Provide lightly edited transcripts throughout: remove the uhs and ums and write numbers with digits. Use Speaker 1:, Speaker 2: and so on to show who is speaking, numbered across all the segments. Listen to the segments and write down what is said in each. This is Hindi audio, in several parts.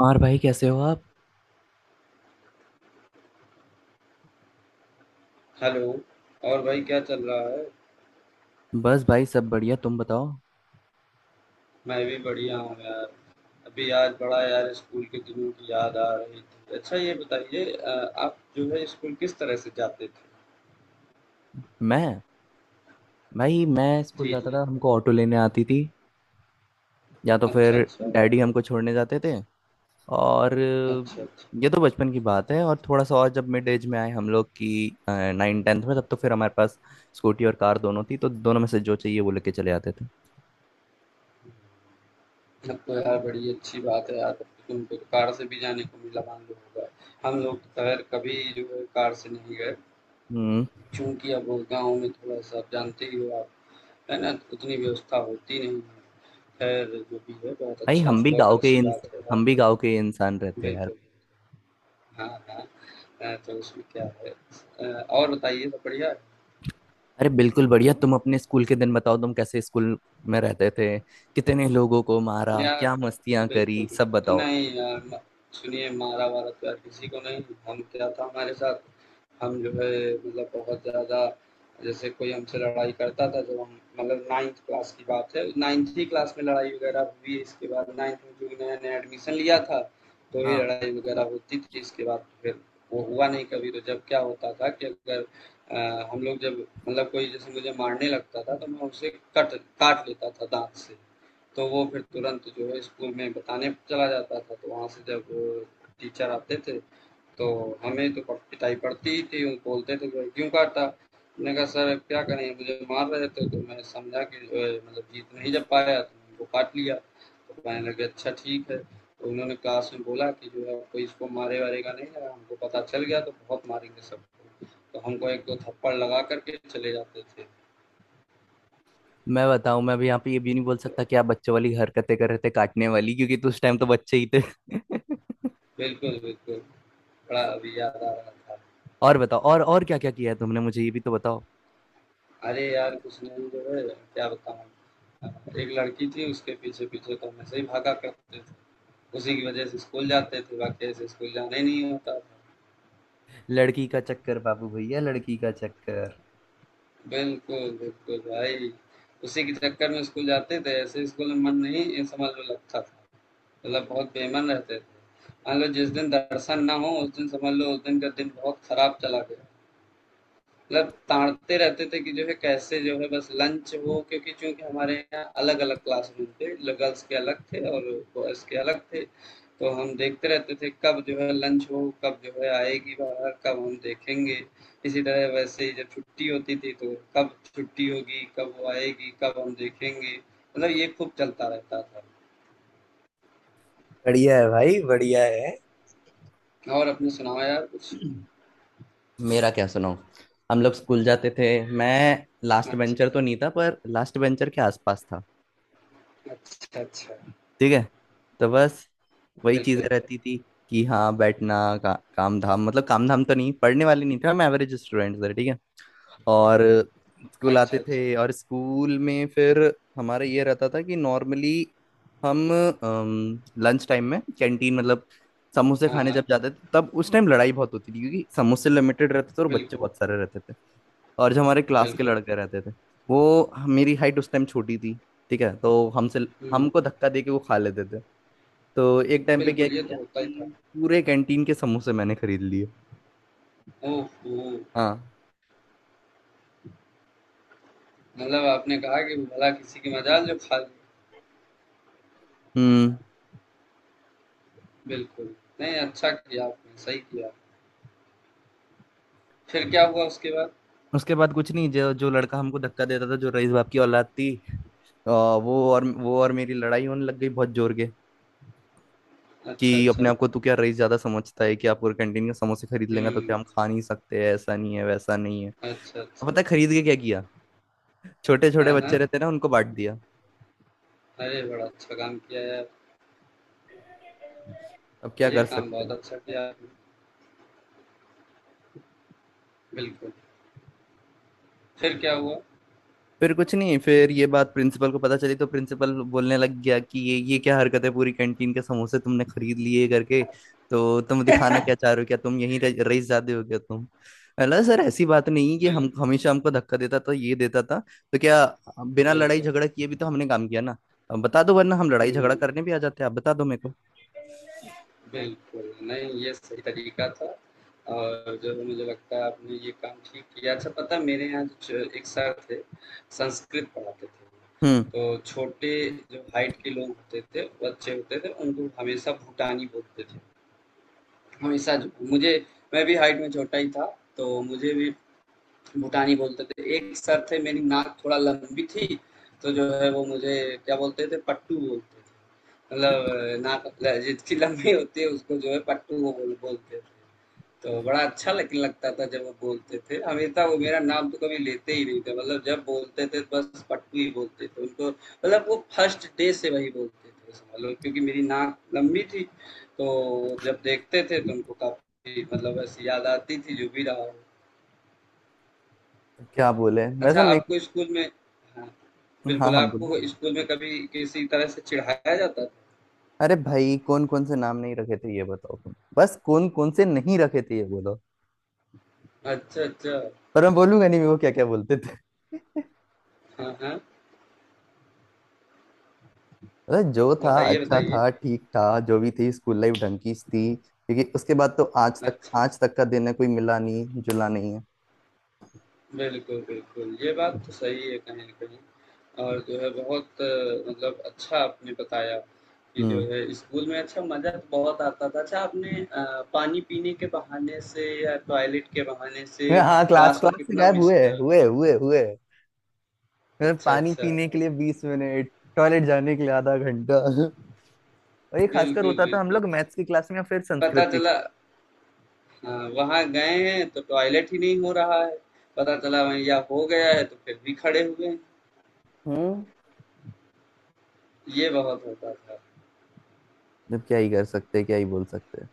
Speaker 1: और भाई कैसे हो आप।
Speaker 2: हेलो। और भाई क्या चल रहा है।
Speaker 1: बस भाई सब बढ़िया, तुम बताओ।
Speaker 2: मैं भी बढ़िया हूँ यार। अभी आज बड़ा यार स्कूल के दिनों की याद आ रही थी। अच्छा ये बताइए, आप जो है स्कूल किस तरह से जाते थे।
Speaker 1: मैं भाई मैं स्कूल
Speaker 2: जी
Speaker 1: जाता
Speaker 2: जी।
Speaker 1: था, हमको ऑटो लेने आती थी या तो फिर
Speaker 2: अच्छा अच्छा।
Speaker 1: डैडी हमको छोड़ने जाते थे। और
Speaker 2: अच्छा अच्छा।
Speaker 1: ये तो बचपन की बात है। और थोड़ा सा और जब मिड एज में आए हम लोग की 9th-10th में, तब तो फिर हमारे पास स्कूटी और कार दोनों थी, तो दोनों में से जो चाहिए वो लेके चले आते थे।
Speaker 2: अब तो यार बड़ी अच्छी बात है यार, अब तो तुमको तो कार से भी जाने को मिला, मान लो होगा। हम लोग तो खैर कभी जो है कार से नहीं गए,
Speaker 1: हम्म।
Speaker 2: क्योंकि अब वो गाँव में थोड़ा सा, आप जानते ही हो आप, है ना, उतनी व्यवस्था होती नहीं है। खैर जो भी है, बहुत
Speaker 1: भाई
Speaker 2: अच्छा,
Speaker 1: हम भी
Speaker 2: बहुत
Speaker 1: गाँव के
Speaker 2: अच्छी
Speaker 1: इंस-
Speaker 2: बात है यार।
Speaker 1: हम भी गाँव के इंसान रहते हैं।
Speaker 2: बिल्कुल। हाँ, हाँ। तो उसमें क्या है। और बताइए सब बढ़िया है?
Speaker 1: अरे बिल्कुल बढ़िया। तुम अपने स्कूल के दिन बताओ, तुम कैसे स्कूल में रहते थे, कितने लोगों को मारा,
Speaker 2: यार
Speaker 1: क्या मस्तियां करी,
Speaker 2: बिल्कुल,
Speaker 1: सब
Speaker 2: बिल्कुल।
Speaker 1: बताओ।
Speaker 2: नहीं यार, म सुनिए, मारा-वारा तो यार किसी को नहीं। हम क्या, था हमारे साथ, हम जो है मतलब बहुत ज़्यादा जैसे कोई हमसे लड़ाई करता था, जब हम मतलब 9th क्लास की बात है, 9th ही क्लास में लड़ाई वगैरह हुई, इसके बाद 9th में चूँकि नया-नया एडमिशन लिया था, तो ये
Speaker 1: हाँ।
Speaker 2: लड़ाई वगैरह होती थी। इसके बाद तो फिर वो हुआ नहीं कभी। तो जब क्या होता था कि अगर हम लोग जब मतलब कोई जैसे मुझे मारने लगता था, तो मैं उसे कट काट लेता था दाँत से। तो वो फिर तुरंत जो है स्कूल में बताने चला जाता था, तो वहाँ से जब टीचर आते थे तो हमें तो पिटाई पड़ती ही थी। वो बोलते थे भाई क्यों काटा, मैंने कहा सर अब क्या करें, मुझे मार रहे थे तो मैं समझा कि जो है मतलब जीत नहीं जब पाया तो उनको काट लिया। तो कहने लगे अच्छा ठीक है, तो उन्होंने क्लास में बोला कि जो है कोई इसको मारे वारेगा नहीं, अगर हमको पता चल गया तो बहुत मारेंगे सबको। तो हमको एक दो थप्पड़ लगा करके चले जाते थे।
Speaker 1: मैं बताऊं, मैं भी यहाँ पे ये भी नहीं बोल
Speaker 2: तो
Speaker 1: सकता कि आप बच्चों वाली हरकतें कर रहे थे काटने वाली, क्योंकि तो उस टाइम तो बच्चे ही थे।
Speaker 2: बिल्कुल बिल्कुल, बड़ा अभी याद आ रहा था।
Speaker 1: और बताओ, और क्या क्या किया है तुमने, मुझे ये भी तो बताओ।
Speaker 2: अरे यार कुछ नहीं जो है, क्या बताऊँ। एक लड़की थी, उसके पीछे पीछे तो हम ऐसे ही भागा करते थे। उसी की वजह से स्कूल जाते थे, बाकी ऐसे स्कूल जाना ही नहीं होता था।
Speaker 1: लड़की का चक्कर बाबू भैया, लड़की का चक्कर।
Speaker 2: बिल्कुल बिल्कुल भाई, उसी के चक्कर में स्कूल जाते थे, ऐसे स्कूल में मन नहीं, ये समझ लो, लगता था। मतलब बहुत बेमन रहते थे। मान लो जिस दिन दर्शन ना हो उस दिन समझ लो उस दिन का दिन बहुत खराब चला गया। मतलब ताड़ते रहते थे कि जो है कैसे, जो है बस लंच हो, क्योंकि चूंकि हमारे यहाँ अलग अलग क्लासरूम थे, गर्ल्स के अलग थे और बॉयज के अलग थे। तो हम देखते रहते थे कब जो है लंच हो, कब जो है आएगी बाहर, कब हम देखेंगे। इसी तरह वैसे ही जब छुट्टी होती थी, तो कब छुट्टी होगी, कब वो आएगी, कब हम देखेंगे। मतलब ये खूब चलता रहता था।
Speaker 1: बढ़िया है भाई, बढ़िया है।
Speaker 2: और अपने सुनाओ यार कुछ।
Speaker 1: मेरा क्या सुनाऊं। हम लोग स्कूल जाते थे। मैं लास्ट
Speaker 2: अच्छा।
Speaker 1: बेंचर तो नहीं था, पर लास्ट बेंचर के आसपास था।
Speaker 2: अच्छा अच्छा।
Speaker 1: ठीक है, तो बस वही चीजें
Speaker 2: बिल्कुल।
Speaker 1: रहती थी कि हाँ बैठना। काम धाम, मतलब काम धाम तो नहीं, पढ़ने वाले नहीं थे हम, एवरेज स्टूडेंट थे। ठीक है। और स्कूल
Speaker 2: अच्छा
Speaker 1: आते
Speaker 2: अच्छा।
Speaker 1: थे और स्कूल में फिर हमारा ये रहता था कि नॉर्मली हम लंच टाइम में कैंटीन, मतलब समोसे
Speaker 2: हाँ
Speaker 1: खाने जब
Speaker 2: हाँ।
Speaker 1: जाते थे, तब उस टाइम लड़ाई बहुत होती थी क्योंकि समोसे लिमिटेड रहते थे और बच्चे
Speaker 2: बिल्कुल
Speaker 1: बहुत सारे रहते थे। और जो हमारे क्लास के
Speaker 2: बिल्कुल।
Speaker 1: लड़के
Speaker 2: बिल्कुल।
Speaker 1: रहते थे, वो, मेरी हाइट उस टाइम छोटी थी, ठीक है, तो हमसे,
Speaker 2: हम्म।
Speaker 1: हमको धक्का दे के वो खा लेते थे। तो एक टाइम पे क्या
Speaker 2: बिल्कुल, ये तो
Speaker 1: किया
Speaker 2: होता ही
Speaker 1: कि
Speaker 2: था।
Speaker 1: पूरे कैंटीन के समोसे मैंने खरीद लिए।
Speaker 2: ओहो!
Speaker 1: हाँ।
Speaker 2: मतलब आपने कहा कि भला किसी की मजाल जो खा ले।
Speaker 1: हम्म।
Speaker 2: बिल्कुल। नहीं, अच्छा किया आपने, सही किया। फिर क्या हुआ उसके बाद?
Speaker 1: उसके बाद कुछ नहीं, जो जो लड़का हमको धक्का देता था, जो रईस बाप की औलाद थी, वो और मेरी लड़ाई होने लग गई बहुत जोर के।
Speaker 2: अच्छा,
Speaker 1: कि अपने
Speaker 2: अच्छा।
Speaker 1: आप को तू क्या रईस ज्यादा समझता है कि आप पूरे कैंटीन का समोसे खरीद लेंगे तो क्या
Speaker 2: हुँ।
Speaker 1: हम खा नहीं सकते, ऐसा नहीं है, वैसा नहीं है।
Speaker 2: अच्छा,
Speaker 1: अब
Speaker 2: अच्छा।
Speaker 1: पता है खरीद के क्या किया? छोटे
Speaker 2: हाँ,
Speaker 1: छोटे बच्चे
Speaker 2: हाँ।
Speaker 1: रहते ना, उनको बांट दिया।
Speaker 2: अरे! बड़ा अच्छा काम किया यार।
Speaker 1: अब क्या
Speaker 2: ये
Speaker 1: कर
Speaker 2: काम
Speaker 1: सकते
Speaker 2: बहुत
Speaker 1: हैं।
Speaker 2: अच्छा किया आपने। बिल्कुल। फिर क्या हुआ?
Speaker 1: फिर कुछ नहीं, फिर ये बात प्रिंसिपल को पता चली तो प्रिंसिपल बोलने लग गया कि ये क्या हरकत है, पूरी कैंटीन के समोसे तुमने खरीद लिए करके, तो तुम दिखाना क्या चाह रहे हो, क्या तुम रईसजादे हो क्या तुम। अल्लाह सर ऐसी बात नहीं कि, हम
Speaker 2: बिल्कुल,
Speaker 1: हमेशा, हमको धक्का देता था ये देता था, तो क्या बिना लड़ाई
Speaker 2: बिल्कुल।
Speaker 1: झगड़ा किए भी तो हमने काम किया ना। अब बता दो, वरना हम लड़ाई झगड़ा
Speaker 2: हुँ।
Speaker 1: करने भी आ जाते हैं, आप बता दो मेरे को।
Speaker 2: बिल्कुल, नहीं ये सही तरीका था। और जो है मुझे लगता है आपने ये काम ठीक किया। अच्छा पता है मेरे यहाँ जो एक सर थे, संस्कृत पढ़ाते
Speaker 1: हम्म।
Speaker 2: थे। तो छोटे जो हाइट के लोग होते थे, बच्चे होते थे, उनको हमेशा भूटानी बोलते थे। हमेशा जो मुझे, मैं भी हाइट में छोटा ही था, तो मुझे भी भूटानी बोलते थे। एक सर थे, मेरी नाक थोड़ा लंबी थी, तो जो है वो मुझे क्या बोलते थे, पट्टू बोलते थे। मतलब नाक जिसकी लंबी होती है उसको जो है पट्टू वो बोलते थे। तो बड़ा अच्छा लगता था जब वो बोलते थे। हमेशा वो मेरा नाम तो कभी लेते ही नहीं थे, मतलब जब बोलते थे बस पट्टू ही बोलते थे उनको। मतलब वो फर्स्ट डे से वही बोलते थे समझ लो, क्योंकि मेरी नाक लंबी थी तो जब देखते थे तो उनको काफी मतलब ऐसी याद आती थी, जो भी रहा हो।
Speaker 1: तो क्या बोले वैसा
Speaker 2: अच्छा,
Speaker 1: मेरे को।
Speaker 2: आपको स्कूल में, हाँ,
Speaker 1: हाँ
Speaker 2: बिल्कुल,
Speaker 1: हाँ बोलो।
Speaker 2: आपको स्कूल में कभी किसी तरह से चिढ़ाया जाता था?
Speaker 1: अरे भाई कौन कौन से नाम नहीं रखे थे ये बताओ तुम, बस कौन कौन से नहीं रखे थे ये बोलो।
Speaker 2: अच्छा, अच्छा।
Speaker 1: पर मैं बोलूंगा नहीं वो क्या क्या बोलते थे।
Speaker 2: हाँ, हाँ।
Speaker 1: मतलब जो था
Speaker 2: बताइए,
Speaker 1: अच्छा
Speaker 2: बताइए।
Speaker 1: था, ठीक था। जो भी थी स्कूल लाइफ ढंग की थी, क्योंकि उसके बाद तो आज तक,
Speaker 2: अच्छा, अच्छा।
Speaker 1: आज तक का दिन है कोई मिला नहीं, जुला नहीं है।
Speaker 2: बिल्कुल, बिल्कुल। ये बात तो सही है कहीं न कहीं। और जो है बहुत मतलब अच्छा आपने बताया कि जो
Speaker 1: हम्म।
Speaker 2: है स्कूल में अच्छा मज़ा तो बहुत आता था। अच्छा आपने पानी पीने के बहाने से या टॉयलेट के बहाने से
Speaker 1: हाँ क्लास,
Speaker 2: क्लास को
Speaker 1: क्लास से
Speaker 2: कितना
Speaker 1: गायब
Speaker 2: मिस
Speaker 1: हुए
Speaker 2: करा?
Speaker 1: हुए हुए हुए मतलब
Speaker 2: अच्छा,
Speaker 1: पानी
Speaker 2: अच्छा।
Speaker 1: पीने के लिए 20 मिनट, टॉयलेट जाने के लिए आधा घंटा। और ये खासकर
Speaker 2: बिल्कुल,
Speaker 1: होता था हम
Speaker 2: बिल्कुल।
Speaker 1: लोग मैथ्स की क्लास में या फिर
Speaker 2: पता
Speaker 1: संस्कृत की।
Speaker 2: चला, हाँ, वहाँ गए हैं तो टॉयलेट ही नहीं हो रहा है। पता चला वहीं या हो गया है तो फिर भी खड़े हुए हैं।
Speaker 1: हम्म।
Speaker 2: ये बहुत होता था।
Speaker 1: जब क्या ही कर सकते, क्या ही बोल सकते।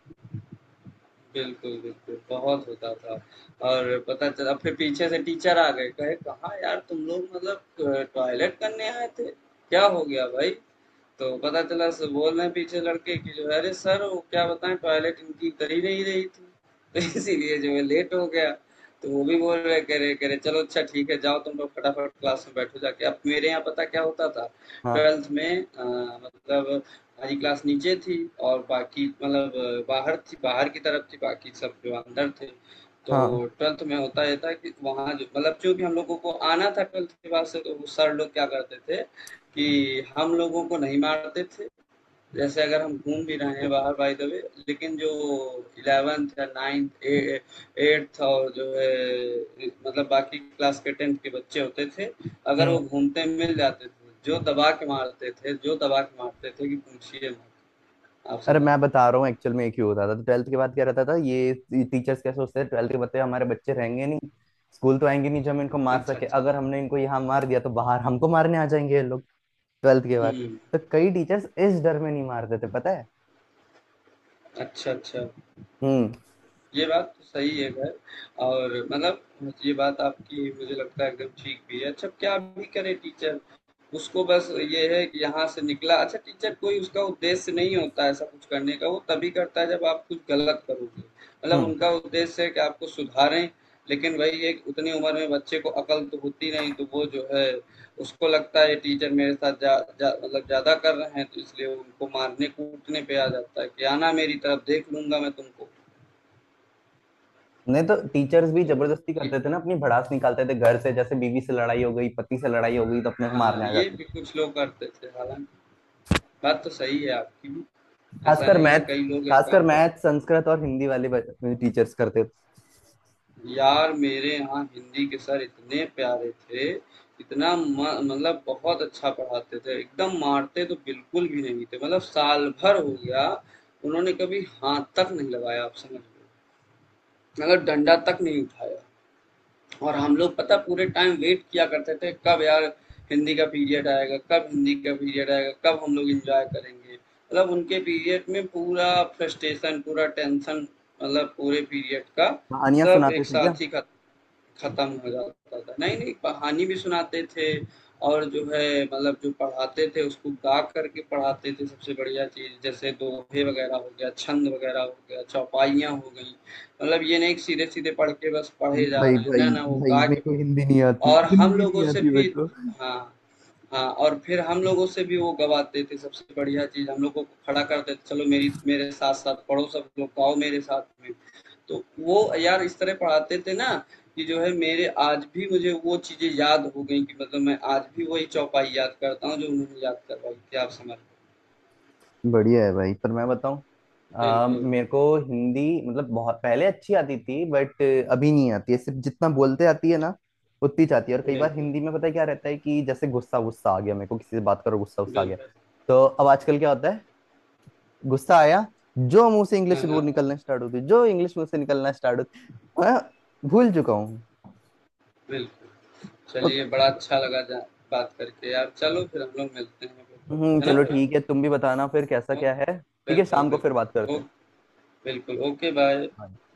Speaker 2: बिल्कुल, बिल्कुल, बहुत होता था। और पता चला फिर पीछे से टीचर आ गए, कहे कहाँ यार तुम लोग, मतलब टॉयलेट करने आए थे? क्या हो गया भाई? तो पता चला स बोल रहे हैं पीछे लड़के कि जो है अरे सर वो क्या बताएँ टॉयलेट इनकी कर ही नहीं रही थी, तो इसीलिए जो है लेट हो गया। तो वो भी बोल रहे, कह रहे चलो अच्छा ठीक है जाओ तुम लोग फटाफट क्लास में बैठो जाके। अब मेरे यहाँ पता क्या होता था?
Speaker 1: हाँ
Speaker 2: ट्वेल्थ में, मतलब हमारी क्लास नीचे थी और बाकी मतलब बाहर थी, बाहर की तरफ थी, बाकी सब जो अंदर थे। तो
Speaker 1: हाँ।
Speaker 2: ट्वेल्थ में होता ये था कि वहाँ जो मतलब चूंकि हम लोगों को आना था ट्वेल्थ के बाद से, तो वो सर लोग क्या करते थे कि हम लोगों को नहीं मारते थे। जैसे अगर हम घूम भी रहे हैं बाहर बाय द वे, लेकिन जो 11th या 9th ए 8th और जो है मतलब बाकी क्लास के 10th के बच्चे होते थे, अगर
Speaker 1: हम्म।
Speaker 2: वो घूमते मिल जाते थे, जो दबा के मारते थे जो दबा के मारते थे कि पूछिए मत, आप
Speaker 1: अरे
Speaker 2: समझ
Speaker 1: मैं
Speaker 2: लो।
Speaker 1: बता रहा हूँ, एक्चुअल में ये क्यों होता था, तो ट्वेल्थ के बाद क्या रहता था, ये टीचर्स क्या सोचते हैं ट्वेल्थ के बाद तो हमारे बच्चे रहेंगे नहीं, स्कूल तो आएंगे नहीं, जो हम इनको मार
Speaker 2: अच्छा,
Speaker 1: सके।
Speaker 2: अच्छा।
Speaker 1: अगर हमने इनको यहाँ मार दिया तो बाहर हमको मारने आ जाएंगे ये लोग ट्वेल्थ के
Speaker 2: हुँ,
Speaker 1: बाद, तो कई टीचर्स इस डर में नहीं मारते थे पता है।
Speaker 2: अच्छा, अच्छा।
Speaker 1: हम्म।
Speaker 2: ये बात तो सही है खैर। और मतलब ये बात आपकी मुझे लगता है एकदम ठीक भी है। अच्छा क्या भी करे टीचर, उसको बस ये है कि यहाँ से निकला अच्छा टीचर, कोई उसका उद्देश्य नहीं होता ऐसा कुछ करने का, वो तभी करता है जब आप कुछ गलत करोगे। मतलब
Speaker 1: हम्म।
Speaker 2: उनका उद्देश्य है कि आपको सुधारें, लेकिन वही है कि उतनी उम्र में बच्चे को अकल तो होती नहीं, तो वो जो है उसको लगता है टीचर मेरे साथ जा जा मतलब ज़्यादा कर रहे हैं, तो इसलिए वो उनको मारने-कूटने पे आ जाता है कि आना मेरी तरफ देख लूँगा मैं तुमको।
Speaker 1: नहीं तो टीचर्स भी
Speaker 2: तो
Speaker 1: जबरदस्ती
Speaker 2: ये
Speaker 1: करते थे ना, अपनी भड़ास निकालते थे घर से, जैसे बीवी से लड़ाई हो गई, पति से लड़ाई हो गई, तो अपने को
Speaker 2: हाँ,
Speaker 1: मारने आ
Speaker 2: ये
Speaker 1: जाते
Speaker 2: भी
Speaker 1: थे।
Speaker 2: कुछ लोग करते थे, हालांकि बात तो सही है आपकी भी। ऐसा
Speaker 1: खासकर
Speaker 2: नहीं है,
Speaker 1: मैथ
Speaker 2: कई लोग ये
Speaker 1: खासकर
Speaker 2: काम कर,
Speaker 1: मैथ, संस्कृत और हिंदी वाले टीचर्स करते थे।
Speaker 2: यार मेरे यहाँ हिंदी के सर इतने प्यारे थे, इतना मतलब बहुत अच्छा पढ़ाते थे, एकदम मारते तो बिल्कुल भी नहीं थे। मतलब साल भर हो गया, उन्होंने कभी हाथ तक नहीं लगाया, आप समझ लो, मतलब डंडा तक नहीं उठाया। और हम लोग पता पूरे टाइम वेट किया करते थे कब यार हिंदी का पीरियड आएगा कब हिंदी का पीरियड आएगा कब हम लोग एंजॉय करेंगे। मतलब उनके पीरियड में पूरा फ्रस्ट्रेशन, पूरा टेंशन, मतलब पूरे पीरियड का
Speaker 1: कहानियां
Speaker 2: सब
Speaker 1: सुनाते
Speaker 2: एक
Speaker 1: थे क्या।
Speaker 2: साथ ही खत्म खत्म हो जाता था। नहीं नहीं कहानी भी सुनाते थे और जो है मतलब जो पढ़ाते थे उसको गा करके पढ़ाते थे। सबसे बढ़िया चीज, जैसे दोहे वगैरह हो गया, छंद वगैरह हो गया, चौपाइयाँ हो गई। मतलब ये नहीं कि सीधे सीधे पढ़ के बस पढ़े जा
Speaker 1: भाई
Speaker 2: रहे हैं,
Speaker 1: भाई
Speaker 2: ना ना, वो
Speaker 1: भाई
Speaker 2: गा
Speaker 1: मेरे
Speaker 2: के।
Speaker 1: को हिंदी नहीं आती,
Speaker 2: और हम
Speaker 1: हिंदी नहीं
Speaker 2: लोगों से
Speaker 1: आती मेरे
Speaker 2: फिर,
Speaker 1: को।
Speaker 2: हाँ, हाँ और फिर हम लोगों से भी वो गवाते थे। सबसे बढ़िया चीज़, हम लोगों को खड़ा करते थे, चलो मेरी, मेरे साथ-साथ पढ़ो सब लोग, आओ मेरे साथ में। तो वो यार इस तरह पढ़ाते थे ना, कि जो है मेरे आज भी मुझे वो चीज़ें याद हो गई, कि मतलब मैं आज भी वही चौपाई याद करता हूँ जो उन्होंने याद करवाई थी, आप समझ,
Speaker 1: बढ़िया है भाई, पर मैं बताऊं,
Speaker 2: बिल्कुल,
Speaker 1: मेरे को हिंदी मतलब बहुत पहले अच्छी आती थी, बट अभी नहीं आती है, सिर्फ जितना बोलते आती है ना उतनी जाती है। और कई बार
Speaker 2: बिल्कुल,
Speaker 1: हिंदी में पता है क्या रहता है कि जैसे गुस्सा गुस्सा आ गया मेरे को, किसी से बात करो, गुस्सा गुस्सा आ
Speaker 2: बिल्कुल।
Speaker 1: गया। तो अब आजकल क्या होता है, गुस्सा आया, जो मुंह से
Speaker 2: हाँ,
Speaker 1: इंग्लिश वो
Speaker 2: हाँ,
Speaker 1: निकलना स्टार्ट होती, जो इंग्लिश मुंह से निकलना स्टार्ट होती। मैं भूल चुका हूँ।
Speaker 2: बिल्कुल। चलिए बड़ा अच्छा लगा जा बात करके यार। चलो फिर हम लोग मिलते हैं कभी, है ना
Speaker 1: चलो, है ना,
Speaker 2: भाई?
Speaker 1: ठीक है, तुम भी बताना फिर कैसा
Speaker 2: ओके,
Speaker 1: क्या है। ठीक है,
Speaker 2: बिल्कुल
Speaker 1: शाम को फिर बात
Speaker 2: बिल्कुल
Speaker 1: करते हैं।
Speaker 2: ओके, बिल्कुल ओके बाय।
Speaker 1: हाँ।